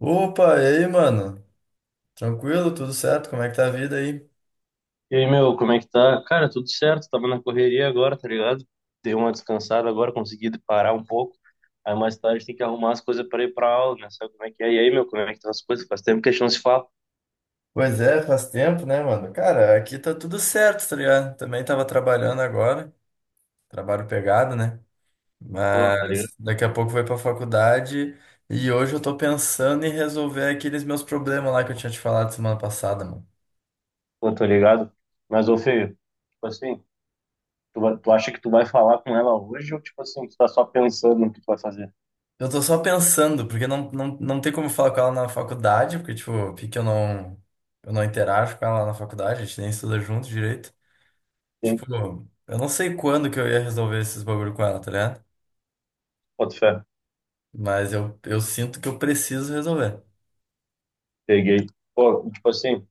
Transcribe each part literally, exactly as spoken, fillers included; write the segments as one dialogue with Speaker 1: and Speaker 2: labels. Speaker 1: Opa, e aí, mano? Tranquilo? Tudo certo? Como é que tá a vida aí?
Speaker 2: E aí, meu, como é que tá? Cara, tudo certo, tava na correria agora, tá ligado? Dei uma descansada agora, consegui parar um pouco. Aí mais tarde tem que arrumar as coisas pra ir pra aula, né? Sabe como é que é? E aí, meu, como é que estão as coisas? Faz tempo que a gente não se fala.
Speaker 1: Pois é, faz tempo, né, mano? Cara, aqui tá tudo certo, tá ligado? Também tava trabalhando agora, trabalho pegado, né?
Speaker 2: Pô, tá ligado?
Speaker 1: Mas daqui a pouco vou ir pra faculdade e hoje eu tô pensando em resolver aqueles meus problemas lá que eu tinha te falado semana passada, mano.
Speaker 2: Pô, tô ligado. Mas, ô, Feio, tipo assim, tu, vai- tu acha que tu vai falar com ela hoje ou, tipo assim, tu tá só pensando no que tu vai fazer?
Speaker 1: Eu tô só pensando, porque não, não, não tem como falar com ela na faculdade, porque, tipo, porque eu não, eu não interajo com ela na faculdade, a gente nem estuda junto direito.
Speaker 2: Sim,
Speaker 1: Tipo, eu não sei quando que eu ia resolver esses bagulho com ela, tá ligado?
Speaker 2: boto fé.
Speaker 1: Mas eu, eu sinto que eu preciso resolver.
Speaker 2: Peguei. Pô, tipo assim,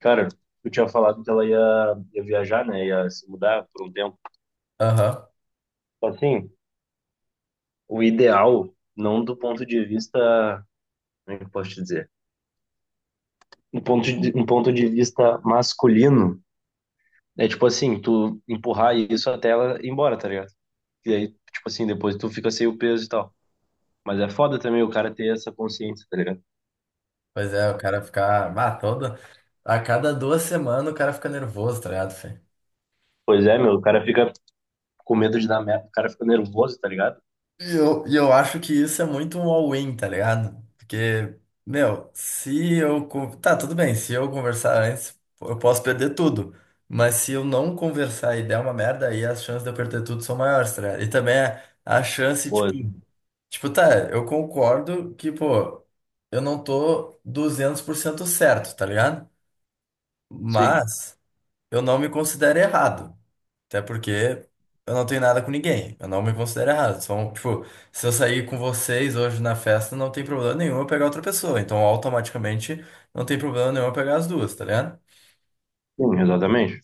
Speaker 2: cara, eu tinha falado que ela ia, ia viajar, né? Ia se mudar por um tempo.
Speaker 1: Aham.
Speaker 2: Tipo assim, o ideal, não do ponto de vista, como é que eu posso te dizer? Um ponto de, um ponto de vista masculino, é tipo assim, tu empurrar isso até ela ir embora, tá ligado? E aí, tipo assim, depois tu fica sem o peso e tal. Mas é foda também o cara ter essa consciência, tá ligado?
Speaker 1: Pois é, o cara ficar. Ah, toda. A cada duas semanas o cara fica nervoso, tá ligado, Fê?
Speaker 2: Pois é, meu, o cara fica com medo de dar merda, o cara fica nervoso, tá ligado?
Speaker 1: E eu, e eu acho que isso é muito um all-in, tá ligado? Porque, meu, se eu. Con- Tá, tudo bem, se eu conversar antes, eu posso perder tudo. Mas se eu não conversar e der uma merda, aí as chances de eu perder tudo são maiores, tá ligado? E também é a chance,
Speaker 2: Pô,
Speaker 1: tipo. Tipo, tá, eu concordo que, pô, eu não tô duzentos por cento certo, tá ligado?
Speaker 2: sim,
Speaker 1: Mas eu não me considero errado. Até porque eu não tenho nada com ninguém. Eu não me considero errado. São, tipo, se eu sair com vocês hoje na festa, não tem problema nenhum eu pegar outra pessoa. Então, automaticamente, não tem problema nenhum eu pegar as duas, tá ligado?
Speaker 2: sim, exatamente.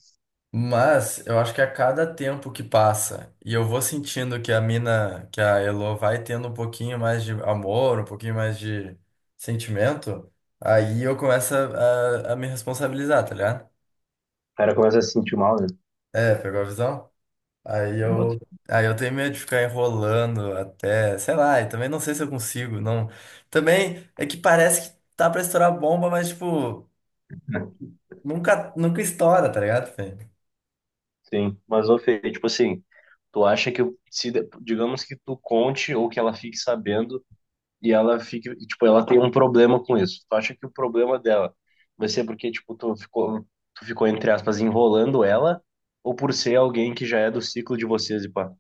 Speaker 1: Mas eu acho que a cada tempo que passa e eu vou sentindo que a mina, que a Elo vai tendo um pouquinho mais de amor, um pouquinho mais de sentimento, aí eu começo a, a, a me responsabilizar, tá ligado?
Speaker 2: O cara começa a se sentir mal, né?
Speaker 1: É, pegou a visão? Aí
Speaker 2: Não bota-
Speaker 1: eu, aí eu tenho medo de ficar enrolando até, sei lá, e também não sei se eu consigo, não. Também é que parece que tá pra estourar a bomba, mas tipo, nunca, nunca estoura, tá ligado, Fê?
Speaker 2: Sim, mas ô Fê, tipo assim, tu acha que se, digamos que tu conte ou que ela fique sabendo e ela fica, e, tipo, ela tem um problema com isso. Tu acha que o problema dela vai ser porque, tipo, tu ficou, tu ficou, entre aspas, enrolando ela, ou por ser alguém que já é do ciclo de vocês e pá?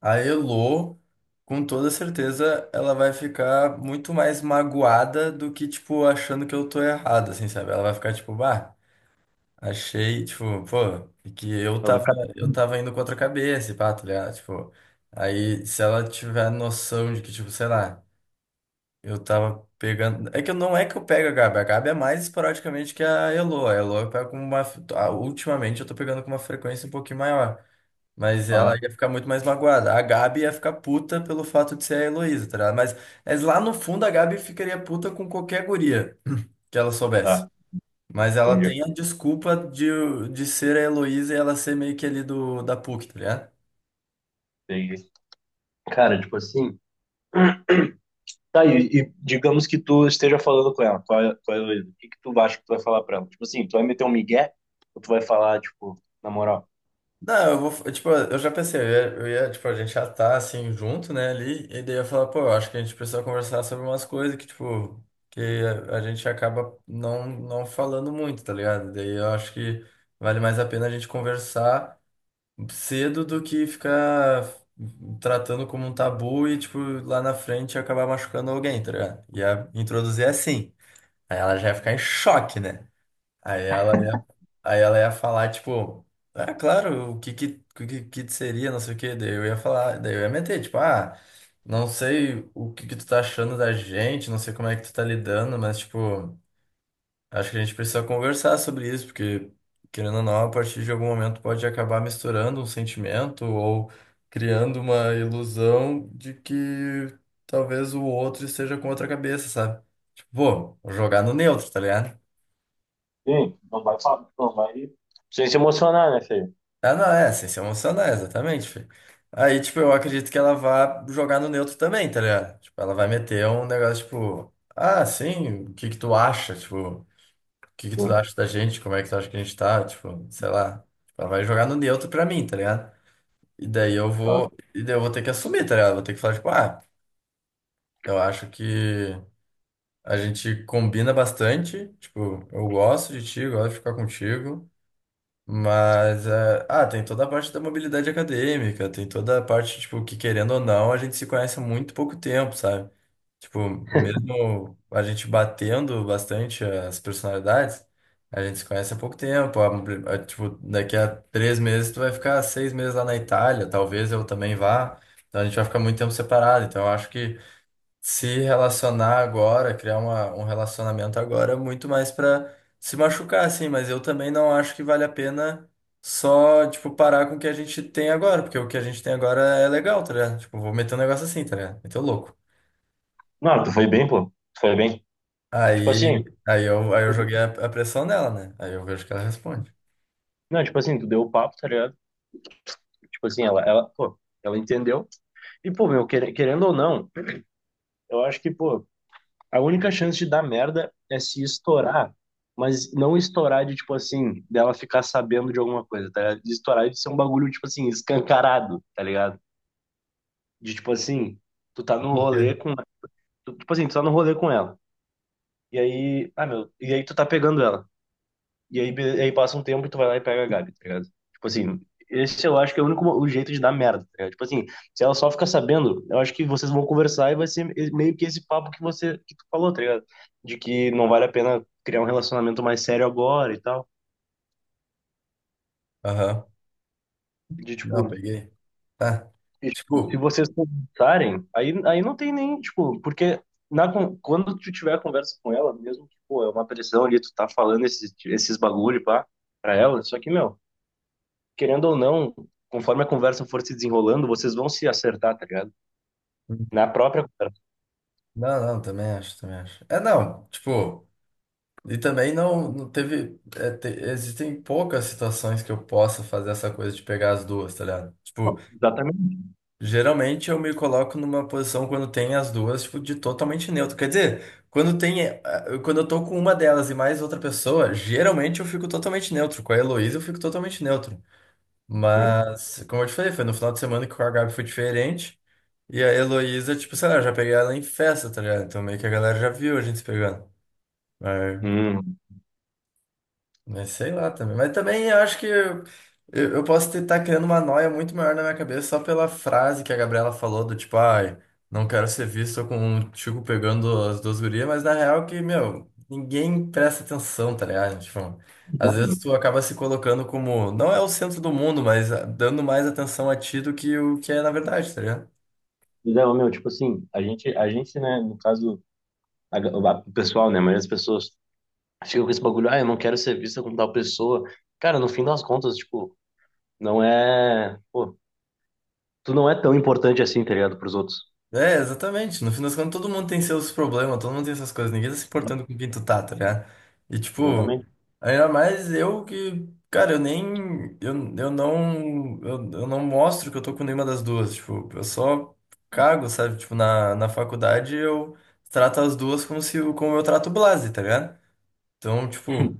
Speaker 1: A Elo, com toda certeza, ela vai ficar muito mais magoada do que, tipo, achando que eu tô errado, assim, sabe? Ela vai ficar, tipo, bah, achei, tipo, pô, é que eu
Speaker 2: Ela vai
Speaker 1: tava,
Speaker 2: ficar,
Speaker 1: eu tava indo contra a cabeça, e pá, tá ligado? Tipo, aí se ela tiver noção de que, tipo, sei lá, eu tava pegando. É que eu- não é que eu pego a Gabi, a Gabi é mais esporadicamente que a Elo. A Elo eu pego com uma. Ah, ultimamente eu tô pegando com uma frequência um pouquinho maior. Mas ela
Speaker 2: ah,
Speaker 1: ia ficar muito mais magoada. A Gabi ia ficar puta pelo fato de ser a Heloísa, tá ligado? Mas, mas lá no fundo a Gabi ficaria puta com qualquer guria que ela soubesse.
Speaker 2: tá,
Speaker 1: Mas ela
Speaker 2: entendi.
Speaker 1: tem a desculpa de, de ser a Heloísa e ela ser meio que ali do, da P U C, tá ligado?
Speaker 2: Peguei. Cara, tipo assim, tá, e, e digamos que tu esteja falando com ela, tu é, tu é Luísa, o que que tu acha que tu vai falar pra ela? Tipo assim, tu vai meter um migué, ou tu vai falar, tipo, na moral,
Speaker 1: Não, eu vou. Tipo, eu já pensei, eu ia, eu ia, tipo, a gente já tá assim junto, né, ali. E daí eu ia falar, pô, eu acho que a gente precisa conversar sobre umas coisas que, tipo, que a, a gente acaba não, não falando muito, tá ligado? Daí eu acho que vale mais a pena a gente conversar cedo do que ficar tratando como um tabu e, tipo, lá na frente acabar machucando alguém, tá ligado? Ia introduzir é assim. Aí ela já ia ficar em choque, né? Aí ela ia, aí ela ia falar, tipo, ah, claro, o que que, o que que seria, não sei o quê. Daí eu ia falar, daí eu ia meter, tipo, ah, não sei o que que tu tá achando da gente, não sei como é que tu tá lidando, mas, tipo. Acho que a gente precisa conversar sobre isso, porque, querendo ou não, a partir de algum momento pode acabar misturando um sentimento ou criando uma ilusão de que talvez o outro esteja com outra cabeça, sabe? Tipo, pô, vou jogar no neutro, tá ligado?
Speaker 2: sim, não vai falar, não vai, sem se emocionar, né, feio?
Speaker 1: Ah, não, é, sem se emocionar, exatamente, filho. Aí, tipo, eu acredito que ela vá jogar no neutro também, tá ligado? Tipo, ela vai meter um negócio, tipo, ah, sim, o que que tu acha? Tipo. O que que tu
Speaker 2: Sim,
Speaker 1: acha da gente? Como é que tu acha que a gente tá? Tipo, sei lá. Tipo, ela vai jogar no neutro pra mim, tá ligado? E daí eu
Speaker 2: tá
Speaker 1: vou,
Speaker 2: bom.
Speaker 1: e daí eu vou ter que assumir, tá ligado? Vou ter que falar, tipo, ah, eu acho que a gente combina bastante. Tipo, eu gosto de ti, eu gosto de ficar contigo. Mas, é, ah, tem toda a parte da mobilidade acadêmica, tem toda a parte, tipo, que querendo ou não, a gente se conhece há muito pouco tempo, sabe? Tipo, mesmo a gente batendo bastante as personalidades, a gente se conhece há pouco tempo. A- a- tipo, daqui a três meses tu vai ficar seis meses lá na Itália, talvez eu também vá. Então a gente vai ficar muito tempo separado. Então eu acho que se relacionar agora, criar uma, um relacionamento agora é muito mais pra se machucar, assim. Mas eu também não acho que vale a pena só, tipo, parar com o que a gente tem agora, porque o que a gente tem agora é legal, tá ligado? Tipo, vou meter um negócio assim, tá ligado? Meter o louco.
Speaker 2: Não, tu foi bem, pô, tu foi bem. Tipo
Speaker 1: Aí,
Speaker 2: assim,
Speaker 1: aí, eu, aí eu
Speaker 2: tu-
Speaker 1: joguei a, a pressão nela, né? Aí eu vejo que ela responde.
Speaker 2: não, tipo assim, tu deu o papo, tá ligado? Tipo assim, ela, ela, pô, ela entendeu. E, pô, meu, quer- querendo ou não, eu acho que, pô, a única chance de dar merda é se estourar, mas não estourar de, tipo assim, dela ficar sabendo de alguma coisa, tá ligado? De estourar de ser um bagulho, tipo assim, escancarado, tá ligado? De, tipo assim, tu tá no
Speaker 1: Tipo, o
Speaker 2: rolê
Speaker 1: quê?
Speaker 2: com, tu- tipo assim, tu tá no rolê com ela. E aí, ah, meu, e aí tu tá pegando ela. E aí, be- aí passa um tempo e tu vai lá e pega a Gabi, tá ligado? Tipo assim, esse eu acho que é o único mo- o jeito de dar merda, tá ligado? Tipo assim, se ela só ficar sabendo, eu acho que vocês vão conversar e vai ser e- meio que esse papo que você que tu falou, tá ligado? De que não vale a pena criar um relacionamento mais sério agora e tal.
Speaker 1: Aham.
Speaker 2: De
Speaker 1: Não,
Speaker 2: tipo,
Speaker 1: peguei. Tá.
Speaker 2: e, tipo, se
Speaker 1: Tipo,
Speaker 2: vocês conversarem, aí, aí não tem nem, tipo, porque na, con- quando tu tiver a conversa com ela, mesmo que, pô, é uma pressão ali, tu tá falando esses, esses bagulho, pá, pra ela, só que, meu. Querendo ou não, conforme a conversa for se desenrolando, vocês vão se acertar, tá ligado? Na própria conversa.
Speaker 1: não, não, também acho, também acho. É, não, tipo, e também não, não teve. É, te- existem poucas situações que eu possa fazer essa coisa de pegar as duas, tá ligado? Tipo,
Speaker 2: Exatamente.
Speaker 1: geralmente eu me coloco numa posição quando tem as duas, tipo, de totalmente neutro. Quer dizer, quando tem, eh, quando eu tô com uma delas e mais outra pessoa, geralmente eu fico totalmente neutro. Com a Heloísa eu fico totalmente neutro.
Speaker 2: Sim.
Speaker 1: Mas, como eu te falei, foi no final de semana que com a Gabi foi diferente. E a Heloísa, tipo, sei lá, eu já peguei ela em festa, tá ligado? Então meio que a galera já viu a gente se pegando.
Speaker 2: Hum.
Speaker 1: Mas sei lá também. Mas também eu acho que eu, eu eu posso estar criando uma noia muito maior na minha cabeça só pela frase que a Gabriela falou do tipo, ai, não quero ser visto com um Chico pegando as duas gurias, mas na real que, meu, ninguém presta atenção, tá ligado? Tipo, às vezes tu acaba se colocando como, não é o centro do mundo, mas ah, dando mais atenção a ti do que o que é na verdade, tá ligado?
Speaker 2: Não, meu, tipo assim, a gente, a gente, né, no caso, a, a- o pessoal, né, a maioria das pessoas ficam com esse bagulho, ah, eu não quero ser vista como tal pessoa. Cara, no fim das contas, tipo, não é, pô, tu não é tão importante assim, tá ligado, pros outros.
Speaker 1: É, exatamente. No fim das contas, todo mundo tem seus problemas, todo mundo tem essas coisas, ninguém tá se importando com quem tu tá, tá ligado? E tipo.
Speaker 2: Exatamente.
Speaker 1: Ainda mais eu que, cara, eu nem, eu, eu não, eu, eu não mostro que eu tô com nenhuma das duas, tipo, eu só cago, sabe? Tipo, na, na faculdade eu trato as duas como se, eu- como eu trato o Blase, tá ligado? Então, tipo,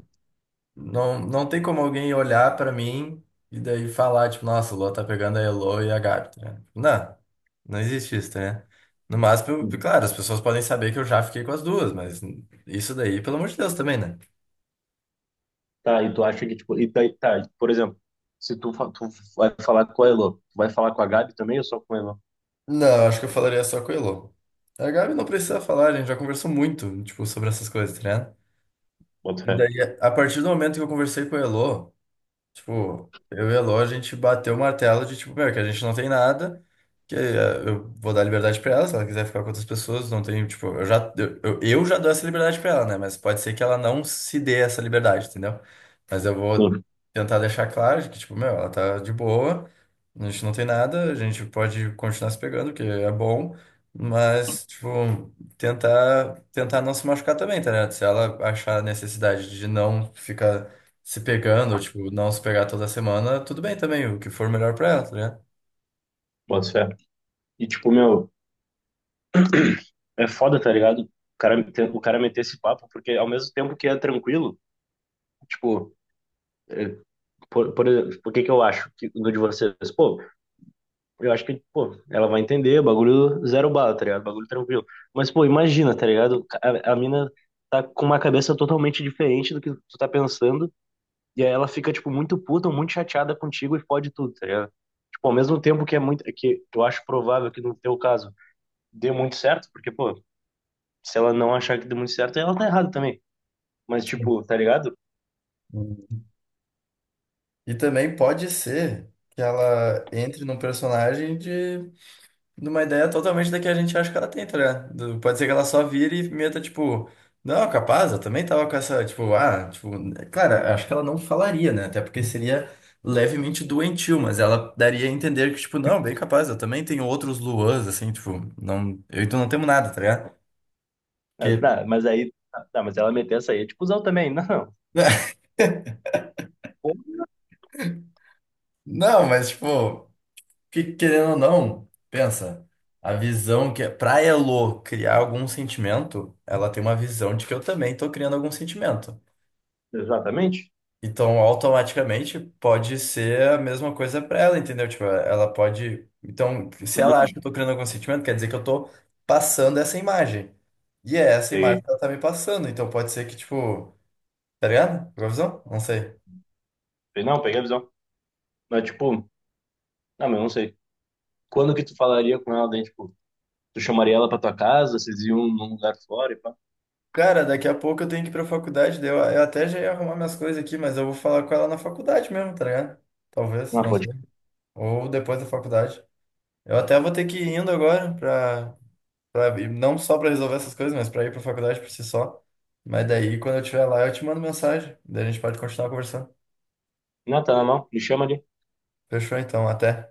Speaker 1: não, não tem como alguém olhar pra mim e daí falar, tipo, nossa, o Lua tá pegando a Elo e a Gabi, tá ligado? Tipo, não, não existe isso, tá ligado? No máximo, eu- claro, as pessoas podem saber que eu já fiquei com as duas, mas isso daí, pelo amor de Deus, também, né?
Speaker 2: Tá, e tu acha que, tipo, e tá, e tá, por exemplo, se tu, fa- tu vai falar com a Elo, tu vai falar com a Gabi também ou só com a Elo?
Speaker 1: Não, acho que eu falaria só com o Elô. A Gabi não precisa falar, a gente já conversou muito, tipo, sobre essas coisas, tá ligado?
Speaker 2: Bota
Speaker 1: E
Speaker 2: fé.
Speaker 1: daí, a partir do momento que eu conversei com o Elô, tipo, eu e a Lô, a gente bateu o martelo de, tipo, meu, que a gente não tem nada, que eh, eu vou dar liberdade pra ela, se ela quiser ficar com outras pessoas, não tem, tipo, eu já, eu, eu eu já dou essa liberdade pra ela, né? Mas pode ser que ela não se dê essa liberdade, entendeu? Mas eu vou
Speaker 2: Sim,
Speaker 1: tentar deixar claro de que, tipo, meu, ela tá de boa, a gente não tem nada, a gente pode continuar se pegando, que é bom, mas, tipo, tentar, tentar não se machucar também, tá ligado? Se ela achar necessidade de não ficar se pegando, tipo, não se pegar toda semana, tudo bem também, o que for melhor pra ela, tá ligado?
Speaker 2: boto fé. E tipo, meu, é foda, tá ligado? O cara, te- o cara meter esse papo, porque ao mesmo tempo que é tranquilo, tipo, é, por, por, exemplo, por que que eu acho que do de vocês? Pô, eu acho que, pô, ela vai entender, bagulho zero bala, tá ligado? Bagulho tranquilo. Mas, pô, imagina, tá ligado? A, a mina tá com uma cabeça totalmente diferente do que tu tá pensando, e aí ela fica, tipo, muito puta, muito chateada contigo e fode tudo, tá ligado? Tipo, ao mesmo tempo que é muito, que eu acho provável que no teu caso dê muito certo, porque, pô, se ela não achar que deu muito certo, ela tá errada também. Mas, tipo, tá ligado?
Speaker 1: Uhum. E também pode ser que ela entre num personagem de, de uma ideia totalmente da que a gente acha que ela tem, tá ligado? Do- pode ser que ela só vire e meta, tipo, não, é capaz, eu também tava com essa, tipo, ah, tipo, claro, acho que ela não falaria, né? Até porque seria levemente doentio, mas ela daria a entender que, tipo, não, bem capaz, eu também tenho outros Luans, assim, tipo, não, eu e tu não temos nada, tá ligado?
Speaker 2: Ah,
Speaker 1: Que.
Speaker 2: tá, mas aí, ah, tá, mas ela meteu essa aí, é tipo, usar também. Não, não. Pô,
Speaker 1: Não, mas tipo, que- querendo ou não, pensa, a visão que pra Elo criar algum sentimento, ela tem uma visão de que eu também tô criando algum sentimento.
Speaker 2: exatamente.
Speaker 1: Então, automaticamente pode ser a mesma coisa pra ela, entendeu? Tipo, ela pode, então, se ela acha que
Speaker 2: Uhum.
Speaker 1: eu tô criando algum sentimento, quer dizer que eu tô passando essa imagem. E é essa imagem
Speaker 2: Peguei.
Speaker 1: que ela tá me passando, então pode ser que tipo, tá ligado? Qual a visão? Não sei.
Speaker 2: Pe- Não, peguei a visão. Mas, tipo, não, mas eu não sei. Quando que tu falaria com ela, daí, tipo, tu chamaria ela pra tua casa, vocês iam num lugar fora e pá.
Speaker 1: Cara, daqui a pouco eu tenho que ir pra faculdade, daí eu, eu até já ia arrumar minhas coisas aqui, mas eu vou falar com ela na faculdade mesmo, tá ligado? Talvez,
Speaker 2: Não,
Speaker 1: não
Speaker 2: pode.
Speaker 1: sei. Ou depois da faculdade. Eu até vou ter que ir indo agora, pra, pra, ir- não só pra resolver essas coisas, mas pra ir pra faculdade por si só. Mas daí, quando eu estiver lá, eu te mando mensagem, daí a gente pode continuar conversando.
Speaker 2: Não, tá na mão, me chama ali.
Speaker 1: Fechou então, até.